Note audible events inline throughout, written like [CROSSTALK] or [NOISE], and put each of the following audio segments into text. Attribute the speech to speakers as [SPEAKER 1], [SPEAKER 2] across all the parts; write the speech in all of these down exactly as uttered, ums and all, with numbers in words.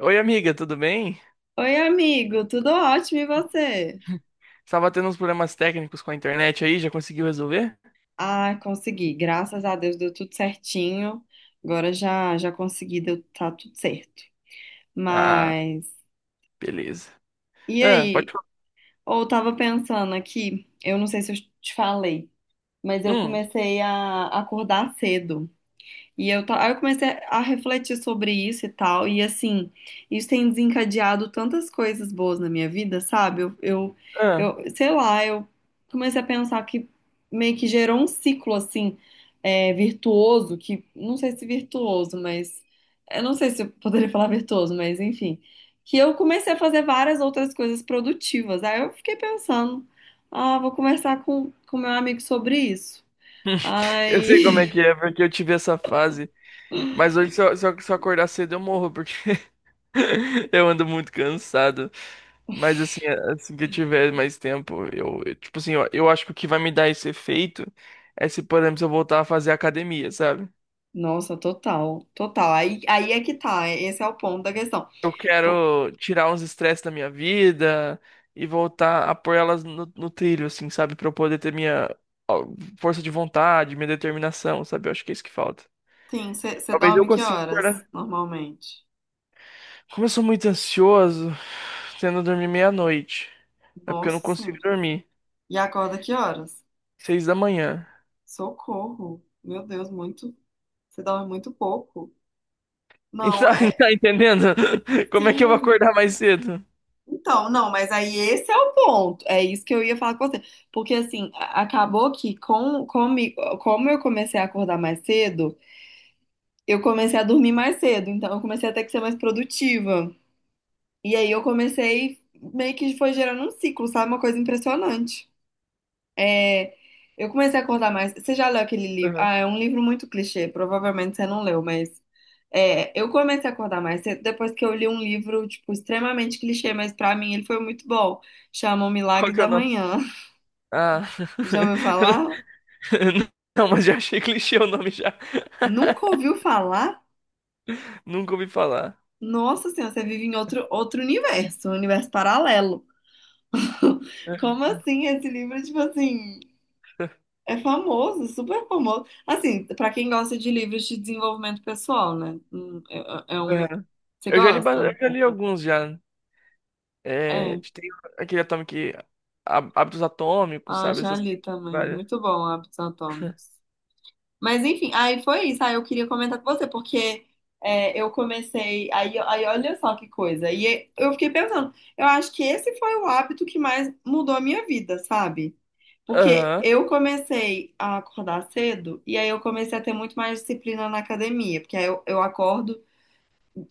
[SPEAKER 1] Oi, amiga, tudo bem?
[SPEAKER 2] Oi, amigo, tudo ótimo e você?
[SPEAKER 1] Estava tendo uns problemas técnicos com a internet aí, já conseguiu resolver?
[SPEAKER 2] Ah, consegui, graças a Deus deu tudo certinho. Agora já já consegui, deu tá tudo certo.
[SPEAKER 1] Ah,
[SPEAKER 2] Mas
[SPEAKER 1] beleza.
[SPEAKER 2] e
[SPEAKER 1] Ah, pode
[SPEAKER 2] aí?
[SPEAKER 1] falar.
[SPEAKER 2] Ou eu tava pensando aqui, eu não sei se eu te falei, mas eu
[SPEAKER 1] Hum.
[SPEAKER 2] comecei a acordar cedo. E eu, ta- aí eu comecei a refletir sobre isso e tal, e assim, isso tem desencadeado tantas coisas boas na minha vida, sabe? Eu, eu,
[SPEAKER 1] Ah.
[SPEAKER 2] eu- sei lá, eu comecei a pensar que meio que gerou um ciclo, assim, é, virtuoso, que não sei se virtuoso, mas eu não sei se eu poderia falar virtuoso, mas enfim, que eu comecei a fazer várias outras coisas produtivas. Aí eu fiquei pensando, ah, vou conversar com, com meu amigo sobre isso.
[SPEAKER 1] Hum. [LAUGHS] Eu sei como
[SPEAKER 2] Ai.
[SPEAKER 1] é
[SPEAKER 2] [LAUGHS]
[SPEAKER 1] que é, porque eu tive essa fase. Mas hoje, se eu, se eu- se eu acordar cedo, eu morro, porque [LAUGHS] eu ando muito cansado. Mas assim, assim que eu tiver mais tempo, eu, eu- tipo assim, eu, eu acho que o que vai me dar esse efeito é se, por exemplo, se eu voltar a fazer academia, sabe?
[SPEAKER 2] Nossa, total, total. Aí, aí é que tá, esse é o ponto da questão.
[SPEAKER 1] Eu
[SPEAKER 2] Pô,
[SPEAKER 1] quero tirar uns estresses da minha vida e voltar a pôr elas no, no trilho, assim, sabe? Pra eu poder ter minha ó, força de vontade, minha determinação, sabe? Eu acho que é isso que falta.
[SPEAKER 2] sim, você
[SPEAKER 1] Talvez eu
[SPEAKER 2] dorme que
[SPEAKER 1] consiga
[SPEAKER 2] horas,
[SPEAKER 1] acordar.
[SPEAKER 2] normalmente?
[SPEAKER 1] Como eu sou muito ansioso, tendo dormir meia-noite. É porque eu não
[SPEAKER 2] Nossa
[SPEAKER 1] consigo
[SPEAKER 2] Senhora.
[SPEAKER 1] dormir.
[SPEAKER 2] E acorda que horas?
[SPEAKER 1] Seis da manhã.
[SPEAKER 2] Socorro. Meu Deus, muito. Você dorme muito pouco. Não,
[SPEAKER 1] Então, [LAUGHS]
[SPEAKER 2] é.
[SPEAKER 1] tá entendendo? Como é que eu vou
[SPEAKER 2] Sim.
[SPEAKER 1] acordar mais cedo?
[SPEAKER 2] Então, não, mas aí esse é o ponto. É isso que eu ia falar com você. Porque, assim, a- acabou que com, comigo, como eu comecei a acordar mais cedo, eu comecei a dormir mais cedo. Então, eu comecei a ter que ser mais produtiva. E aí eu comecei, meio que foi gerando um ciclo, sabe? Uma coisa impressionante. É, Eu comecei a acordar mais. Você já leu aquele livro?
[SPEAKER 1] Aham.
[SPEAKER 2] Ah, é um livro muito clichê, provavelmente você não leu, mas é, eu comecei a acordar mais cedo depois que eu li um livro, tipo, extremamente clichê, mas pra mim ele foi muito bom. Chama O
[SPEAKER 1] Qual
[SPEAKER 2] Milagre
[SPEAKER 1] que é o
[SPEAKER 2] da
[SPEAKER 1] nome?
[SPEAKER 2] Manhã. [LAUGHS]
[SPEAKER 1] Ah.
[SPEAKER 2] Já
[SPEAKER 1] [LAUGHS]
[SPEAKER 2] ouviu falar?
[SPEAKER 1] Não, mas já achei clichê o nome já.
[SPEAKER 2] Nunca
[SPEAKER 1] [LAUGHS]
[SPEAKER 2] ouviu falar?
[SPEAKER 1] Nunca ouvi falar.
[SPEAKER 2] Nossa Senhora, você vive em outro, outro universo, um universo paralelo. [LAUGHS]
[SPEAKER 1] [LAUGHS]
[SPEAKER 2] Como assim esse livro, tipo assim? É famoso, super famoso. Assim, pra quem gosta de livros de desenvolvimento pessoal, né? Hum, É, é é um.
[SPEAKER 1] Aham.
[SPEAKER 2] Você
[SPEAKER 1] Eu já li, ba- eu
[SPEAKER 2] gosta?
[SPEAKER 1] já li alguns já. É,
[SPEAKER 2] É.
[SPEAKER 1] tem aquele Atomic, Há- Hábitos Atômicos,
[SPEAKER 2] Ah,
[SPEAKER 1] sabe?
[SPEAKER 2] já
[SPEAKER 1] Essas
[SPEAKER 2] li
[SPEAKER 1] coisas,
[SPEAKER 2] também.
[SPEAKER 1] várias.
[SPEAKER 2] Muito bom, Hábitos Atômicos.
[SPEAKER 1] [LAUGHS]
[SPEAKER 2] Mas enfim, aí foi isso. Aí eu queria comentar com você, porque é, eu comecei. Aí, aí olha só que coisa. E é, eu fiquei pensando, eu acho que esse foi o hábito que mais mudou a minha vida, sabe? Porque
[SPEAKER 1] Aham.
[SPEAKER 2] eu comecei a acordar cedo e aí eu comecei a ter muito mais disciplina na academia, porque aí eu, eu acordo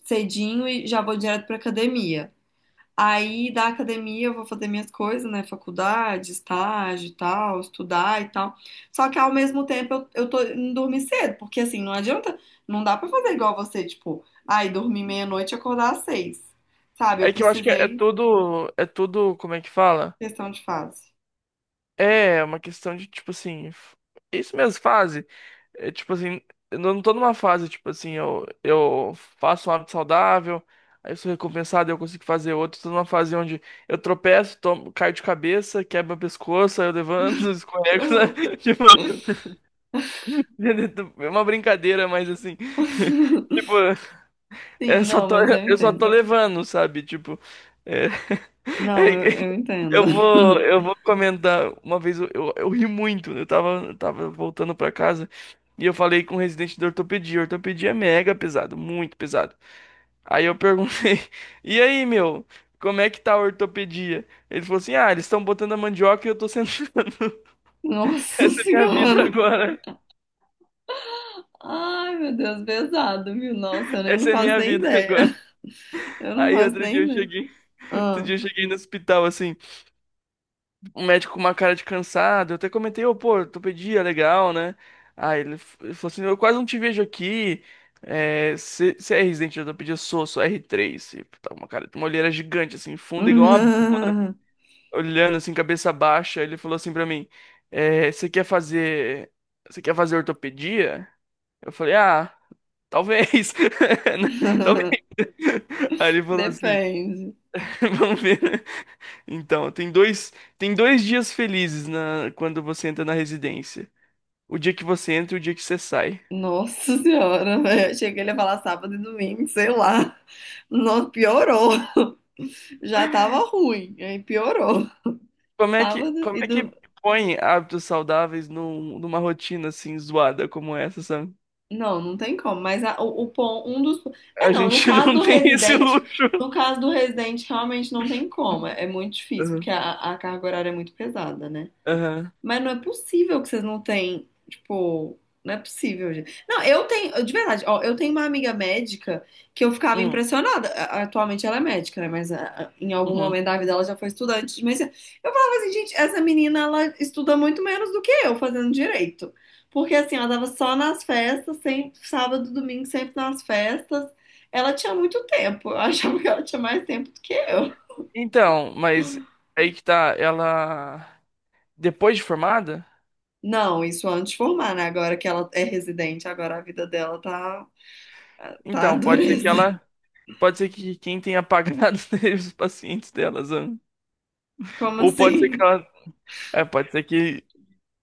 [SPEAKER 2] cedinho e já vou direto pra academia. Aí da academia eu vou fazer minhas coisas, né? Faculdade, estágio e tal, estudar e tal. Só que ao mesmo tempo eu, eu tô indo dormir cedo, porque assim, não adianta, não dá pra fazer igual você, tipo, ai, dormir meia-noite e acordar às seis. Sabe? Eu
[SPEAKER 1] É que eu acho que é, é
[SPEAKER 2] precisei,
[SPEAKER 1] tudo. É tudo. Como é que fala?
[SPEAKER 2] questão de fase.
[SPEAKER 1] É uma questão de, tipo assim, f- isso mesmo, fase. É, tipo assim, eu não tô numa fase, tipo assim, eu, eu faço um hábito saudável, aí eu sou recompensado, eu consigo fazer outro. Tô numa fase onde eu tropeço, tomo, caio de cabeça, quebro meu pescoço, aí eu levanto, [LAUGHS]
[SPEAKER 2] Que
[SPEAKER 1] escorrego,
[SPEAKER 2] horror.
[SPEAKER 1] sabe? [LAUGHS] Tipo, é uma brincadeira, mas assim, [LAUGHS]
[SPEAKER 2] [LAUGHS]
[SPEAKER 1] tipo,
[SPEAKER 2] Sim,
[SPEAKER 1] eu só
[SPEAKER 2] não,
[SPEAKER 1] tô,
[SPEAKER 2] mas eu
[SPEAKER 1] eu só tô
[SPEAKER 2] entendo.
[SPEAKER 1] levando, sabe? Tipo, é.
[SPEAKER 2] Não, eu,
[SPEAKER 1] [LAUGHS]
[SPEAKER 2] eu entendo.
[SPEAKER 1] Eu
[SPEAKER 2] [LAUGHS]
[SPEAKER 1] vou, eu vou comentar. Uma vez eu, eu, eu ri muito. Eu tava, eu tava voltando pra casa e eu falei com o residente da ortopedia. Ortopedia é mega pesado, muito pesado. Aí eu perguntei: [LAUGHS] E aí, meu, como é que tá a ortopedia? Ele falou assim: Ah, eles estão botando a mandioca e eu tô sentando. [LAUGHS]
[SPEAKER 2] Nossa
[SPEAKER 1] Essa é minha vida
[SPEAKER 2] senhora.
[SPEAKER 1] agora.
[SPEAKER 2] Ai, meu Deus, pesado, viu? Nossa, eu nem- eu não
[SPEAKER 1] Essa é
[SPEAKER 2] faço
[SPEAKER 1] minha
[SPEAKER 2] nem
[SPEAKER 1] vida
[SPEAKER 2] ideia.
[SPEAKER 1] agora.
[SPEAKER 2] Eu não
[SPEAKER 1] Aí
[SPEAKER 2] faço
[SPEAKER 1] outro dia
[SPEAKER 2] nem
[SPEAKER 1] eu
[SPEAKER 2] ideia.
[SPEAKER 1] cheguei. Outro
[SPEAKER 2] Ah.
[SPEAKER 1] dia eu cheguei no hospital assim. Um médico com uma cara de cansado. Eu até comentei, ô, pô, ortopedia, legal, né? Aí ele, f- ele falou assim, eu quase não te vejo aqui. É, você você é residente de ortopedia? Sou, sou r três E, tá uma cara, uma olheira gigante, assim, funda, igual uma...
[SPEAKER 2] [LAUGHS]
[SPEAKER 1] Olhando, assim, cabeça baixa. Ele falou assim pra mim, é, você quer fazer... Você quer fazer ortopedia? Eu falei, ah, talvez. [LAUGHS] Talvez. Aí ele falou assim,
[SPEAKER 2] Depende.
[SPEAKER 1] [LAUGHS] vamos ver. Então, tem dois, tem dois dias felizes na, quando você entra na residência. O dia que você entra e o dia que você sai.
[SPEAKER 2] Nossa senhora, velho. Achei que ele ia falar sábado e domingo, sei lá. Nossa, piorou. Já tava ruim, aí piorou.
[SPEAKER 1] Como é que,
[SPEAKER 2] Sábado
[SPEAKER 1] como
[SPEAKER 2] e
[SPEAKER 1] é que
[SPEAKER 2] do.
[SPEAKER 1] põe hábitos saudáveis num- numa rotina assim zoada como essa, sabe?
[SPEAKER 2] Não, não tem como. Mas a- o, o pon- um dos. É,
[SPEAKER 1] A
[SPEAKER 2] não, no
[SPEAKER 1] gente [LAUGHS]
[SPEAKER 2] caso
[SPEAKER 1] não
[SPEAKER 2] do
[SPEAKER 1] tem esse
[SPEAKER 2] residente,
[SPEAKER 1] luxo.
[SPEAKER 2] no caso do residente, realmente não tem como. É, é muito difícil, porque
[SPEAKER 1] Aham.
[SPEAKER 2] a, a carga horária é muito pesada, né?
[SPEAKER 1] Aham.
[SPEAKER 2] Mas não é possível que vocês não têm, tipo, não é possível, gente. Não, eu tenho, de verdade, ó, eu tenho uma amiga médica que eu ficava
[SPEAKER 1] Hum.
[SPEAKER 2] impressionada. A- Atualmente ela é médica, né? Mas a- a- em algum
[SPEAKER 1] Uhum.
[SPEAKER 2] momento da vida ela já foi estudante de medicina. Eu falava assim, gente, essa menina, ela estuda muito menos do que eu fazendo direito. Porque assim, ela tava só nas festas, sempre, sábado, domingo, sempre nas festas. Ela tinha muito tempo. Eu [LAUGHS] achava que ela tinha mais tempo do que eu.
[SPEAKER 1] Então, mas aí que tá, ela depois de formada,
[SPEAKER 2] Não, isso antes de formar, né? Agora que ela é residente, agora a vida dela tá. Tá,
[SPEAKER 1] então pode ser que
[SPEAKER 2] dureza.
[SPEAKER 1] ela pode ser que quem tenha apagado [LAUGHS] os pacientes delas, né?
[SPEAKER 2] Como
[SPEAKER 1] Ou pode ser que
[SPEAKER 2] assim?
[SPEAKER 1] ela, é, pode ser que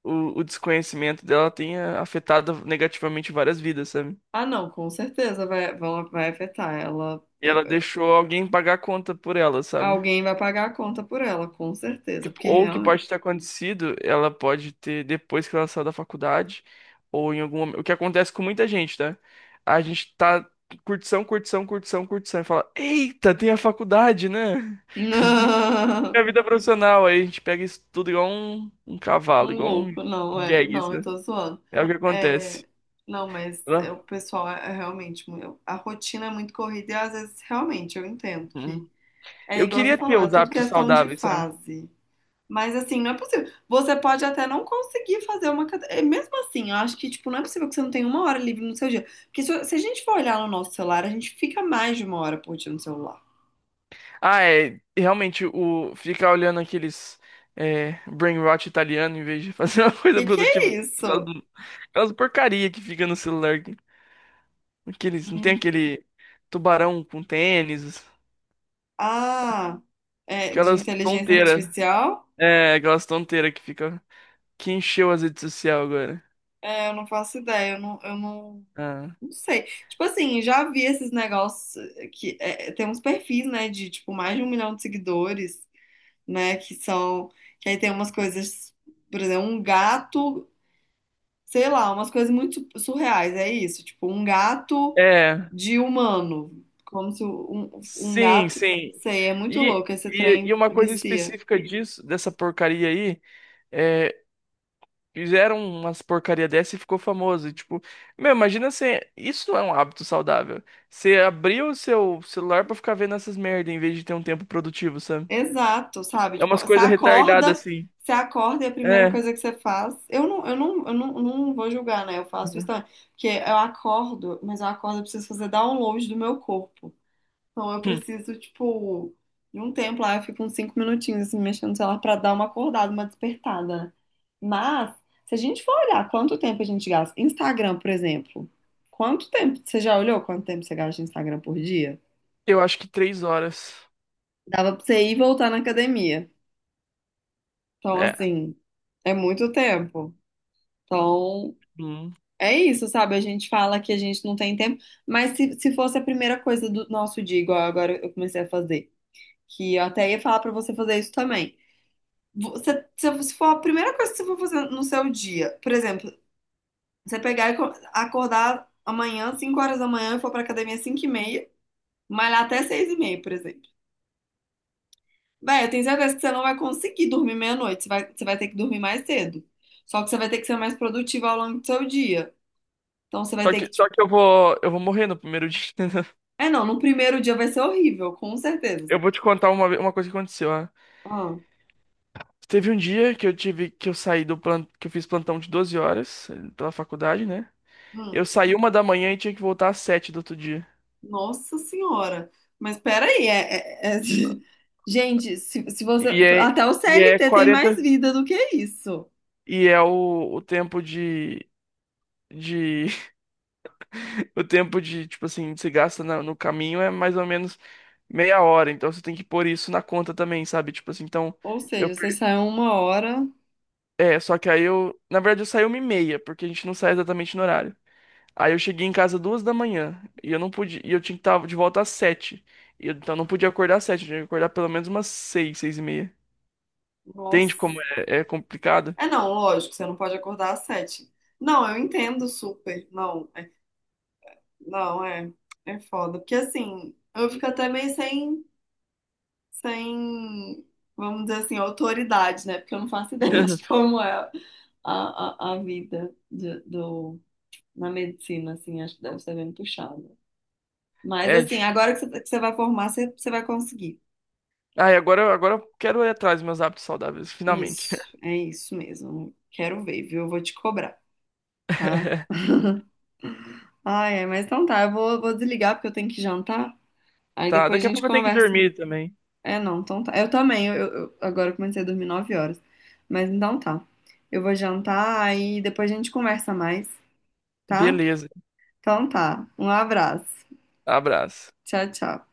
[SPEAKER 1] o, o desconhecimento dela tenha afetado negativamente várias vidas, sabe?
[SPEAKER 2] Ah, não, com certeza vai, vão, vai afetar ela.
[SPEAKER 1] E
[SPEAKER 2] Eu-
[SPEAKER 1] ela deixou alguém pagar a conta por ela, sabe?
[SPEAKER 2] alguém vai pagar a conta por ela, com
[SPEAKER 1] O
[SPEAKER 2] certeza,
[SPEAKER 1] que-
[SPEAKER 2] porque
[SPEAKER 1] Ou o que
[SPEAKER 2] realmente.
[SPEAKER 1] pode ter acontecido, ela pode ter depois que ela saiu da faculdade, ou em algum momento. O que acontece com muita gente, né? A gente tá curtição, curtição, curtição, curtição, e fala: Eita, tem a faculdade, né?
[SPEAKER 2] [LAUGHS]
[SPEAKER 1] [LAUGHS]
[SPEAKER 2] Não,
[SPEAKER 1] Tem a vida profissional. Aí a gente pega isso tudo igual um, um cavalo,
[SPEAKER 2] um
[SPEAKER 1] igual um
[SPEAKER 2] louco, não, é,
[SPEAKER 1] jegue,
[SPEAKER 2] não, eu
[SPEAKER 1] né?
[SPEAKER 2] tô zoando.
[SPEAKER 1] É o que acontece,
[SPEAKER 2] É, não, mas
[SPEAKER 1] né?
[SPEAKER 2] é, o pessoal é, é realmente. mu- eu- A rotina é muito corrida e às vezes realmente eu entendo
[SPEAKER 1] Hum.
[SPEAKER 2] que. É
[SPEAKER 1] Eu
[SPEAKER 2] igual você
[SPEAKER 1] queria ter
[SPEAKER 2] falou, é
[SPEAKER 1] os
[SPEAKER 2] tudo
[SPEAKER 1] hábitos
[SPEAKER 2] questão de
[SPEAKER 1] saudáveis, sabe?
[SPEAKER 2] fase. Mas assim, não é possível. Você pode até não conseguir fazer uma cadeira. Mesmo assim, eu acho que, tipo, não é possível que você não tenha uma hora livre no seu dia. Porque se, se a gente for olhar no nosso celular, a gente fica mais de uma hora por dia no celular.
[SPEAKER 1] Ah, é. Realmente, o ficar olhando aqueles, é, brain rot italiano em vez de fazer [LAUGHS] uma coisa
[SPEAKER 2] Que que é
[SPEAKER 1] produtiva, aquelas,
[SPEAKER 2] isso?
[SPEAKER 1] aquelas porcaria que fica no celular. Aqueles, não tem
[SPEAKER 2] Hum.
[SPEAKER 1] aquele tubarão com tênis,
[SPEAKER 2] Ah, é de
[SPEAKER 1] aquelas
[SPEAKER 2] inteligência
[SPEAKER 1] tonteiras.
[SPEAKER 2] artificial?
[SPEAKER 1] É, aquelas tonteiras que fica. Que encheu as redes sociais agora.
[SPEAKER 2] É, eu não faço ideia, eu não, eu não,
[SPEAKER 1] Ah.
[SPEAKER 2] não sei. Tipo assim, já vi esses negócios que é, é, tem uns perfis, né, de tipo mais de um milhão de seguidores, né, que são, que aí tem umas coisas, por exemplo, um gato, sei lá, umas coisas muito su- surreais, é isso, tipo, um gato
[SPEAKER 1] É.
[SPEAKER 2] de humano, como se um, um
[SPEAKER 1] Sim,
[SPEAKER 2] gato,
[SPEAKER 1] sim.
[SPEAKER 2] sei, é muito
[SPEAKER 1] E,
[SPEAKER 2] louco, esse
[SPEAKER 1] e, e
[SPEAKER 2] trem
[SPEAKER 1] uma coisa
[SPEAKER 2] vicia.
[SPEAKER 1] específica disso, dessa porcaria aí, é, fizeram umas porcaria dessa e ficou famoso. E, tipo, meu, imagina você. Isso não é um hábito saudável. Você abrir o seu celular pra ficar vendo essas merda em vez de ter um tempo produtivo, sabe?
[SPEAKER 2] Exato, sabe?
[SPEAKER 1] É
[SPEAKER 2] Tipo,
[SPEAKER 1] umas
[SPEAKER 2] você
[SPEAKER 1] coisas retardadas
[SPEAKER 2] acorda,
[SPEAKER 1] assim.
[SPEAKER 2] você acorda e a primeira
[SPEAKER 1] É.
[SPEAKER 2] coisa que você faz, eu não, eu não, eu não, não vou julgar, né? Eu faço isso
[SPEAKER 1] Uhum.
[SPEAKER 2] também, porque eu acordo, mas eu acordo, eu preciso fazer download do meu corpo. Então eu
[SPEAKER 1] Hum.
[SPEAKER 2] preciso, tipo, de um tempo lá, eu fico uns cinco minutinhos assim, mexendo no celular pra dar uma acordada, uma despertada, né? Mas, se a gente for olhar quanto tempo a gente gasta, Instagram, por exemplo, quanto tempo? Você já olhou quanto tempo você gasta no Instagram por dia?
[SPEAKER 1] Eu acho que três horas.
[SPEAKER 2] Dava pra você ir e voltar na academia. Então,
[SPEAKER 1] É.
[SPEAKER 2] assim, é muito tempo. Então,
[SPEAKER 1] Hum.
[SPEAKER 2] é isso, sabe? A gente fala que a gente não tem tempo, mas se, se fosse a primeira coisa do nosso dia, igual agora eu comecei a fazer, que eu até ia falar pra você fazer isso também. Você, se, se for a primeira coisa que você for fazer no seu dia, por exemplo, você pegar e co- acordar amanhã, cinco horas da manhã, e for pra academia cinco e meia, malhar até seis e meia, por exemplo. Véi, eu tenho certeza que você não vai conseguir dormir meia-noite, você vai, você vai ter que dormir mais cedo. Só que você vai ter que ser mais produtiva ao longo do seu dia. Então você vai
[SPEAKER 1] Só
[SPEAKER 2] ter
[SPEAKER 1] que,
[SPEAKER 2] que,
[SPEAKER 1] só
[SPEAKER 2] tipo.
[SPEAKER 1] que eu vou, eu vou morrer no primeiro dia. [LAUGHS]
[SPEAKER 2] É, não, no primeiro dia vai ser horrível, com certeza.
[SPEAKER 1] Eu vou te contar uma, ve- uma coisa que aconteceu.
[SPEAKER 2] Ah,
[SPEAKER 1] Teve um dia que eu tive que eu saí do plano, que eu fiz plantão de doze horas, eh, pela faculdade, né?
[SPEAKER 2] hum.
[SPEAKER 1] Eu saí uma da manhã e tinha que voltar às sete do outro dia.
[SPEAKER 2] Nossa Senhora. Mas peraí, é, é- é- [LAUGHS] gente, se, se você.
[SPEAKER 1] E é,
[SPEAKER 2] Até o
[SPEAKER 1] e é
[SPEAKER 2] C L T tem mais
[SPEAKER 1] quarenta,
[SPEAKER 2] vida do que isso.
[SPEAKER 1] e é o, o tempo de de [LAUGHS] o tempo de, tipo assim, que você gasta na- no caminho é mais ou menos meia hora, então você tem que pôr isso na conta também, sabe? Tipo assim, então
[SPEAKER 2] Ou
[SPEAKER 1] eu
[SPEAKER 2] seja, você
[SPEAKER 1] per-
[SPEAKER 2] sai uma hora.
[SPEAKER 1] é, só que aí eu, na verdade eu saí uma e meia, porque a gente não sai exatamente no horário. Aí eu cheguei em casa duas da manhã e eu não podia, e eu tinha que estar de volta às sete. E eu- Então eu não podia acordar às sete, eu tinha que acordar pelo menos umas seis, seis e meia. Entende como
[SPEAKER 2] Nossa.
[SPEAKER 1] é, é complicado?
[SPEAKER 2] É não, lógico, você não pode acordar às sete. Não, eu entendo super. Não, é, não, é, é foda. Porque assim, eu fico até meio sem, sem, vamos dizer assim, autoridade, né? Porque eu não faço [LAUGHS] ideia de
[SPEAKER 1] [LAUGHS]
[SPEAKER 2] como é a, a, a vida de- do, na medicina, assim, acho que deve ser bem puxado. Mas,
[SPEAKER 1] É
[SPEAKER 2] assim,
[SPEAKER 1] difícil.
[SPEAKER 2] agora que você tá, que você vai formar, você, você vai conseguir.
[SPEAKER 1] Ah, e agora, agora eu quero ir atrás dos meus hábitos saudáveis, finalmente.
[SPEAKER 2] Isso, é isso mesmo. Quero ver, viu? Eu vou te cobrar, tá?
[SPEAKER 1] [LAUGHS]
[SPEAKER 2] Ai, é, mas então tá, eu vou, vou desligar porque eu tenho que jantar. Aí
[SPEAKER 1] Tá,
[SPEAKER 2] depois a
[SPEAKER 1] daqui a
[SPEAKER 2] gente
[SPEAKER 1] pouco eu tenho que
[SPEAKER 2] conversa.
[SPEAKER 1] dormir também.
[SPEAKER 2] É, não, então tá. Eu também, eu, eu- agora eu comecei a dormir nove horas. Mas então tá. Eu vou jantar, aí depois a gente conversa mais, tá?
[SPEAKER 1] Beleza.
[SPEAKER 2] Então tá. Um abraço.
[SPEAKER 1] Abraço.
[SPEAKER 2] Tchau, tchau.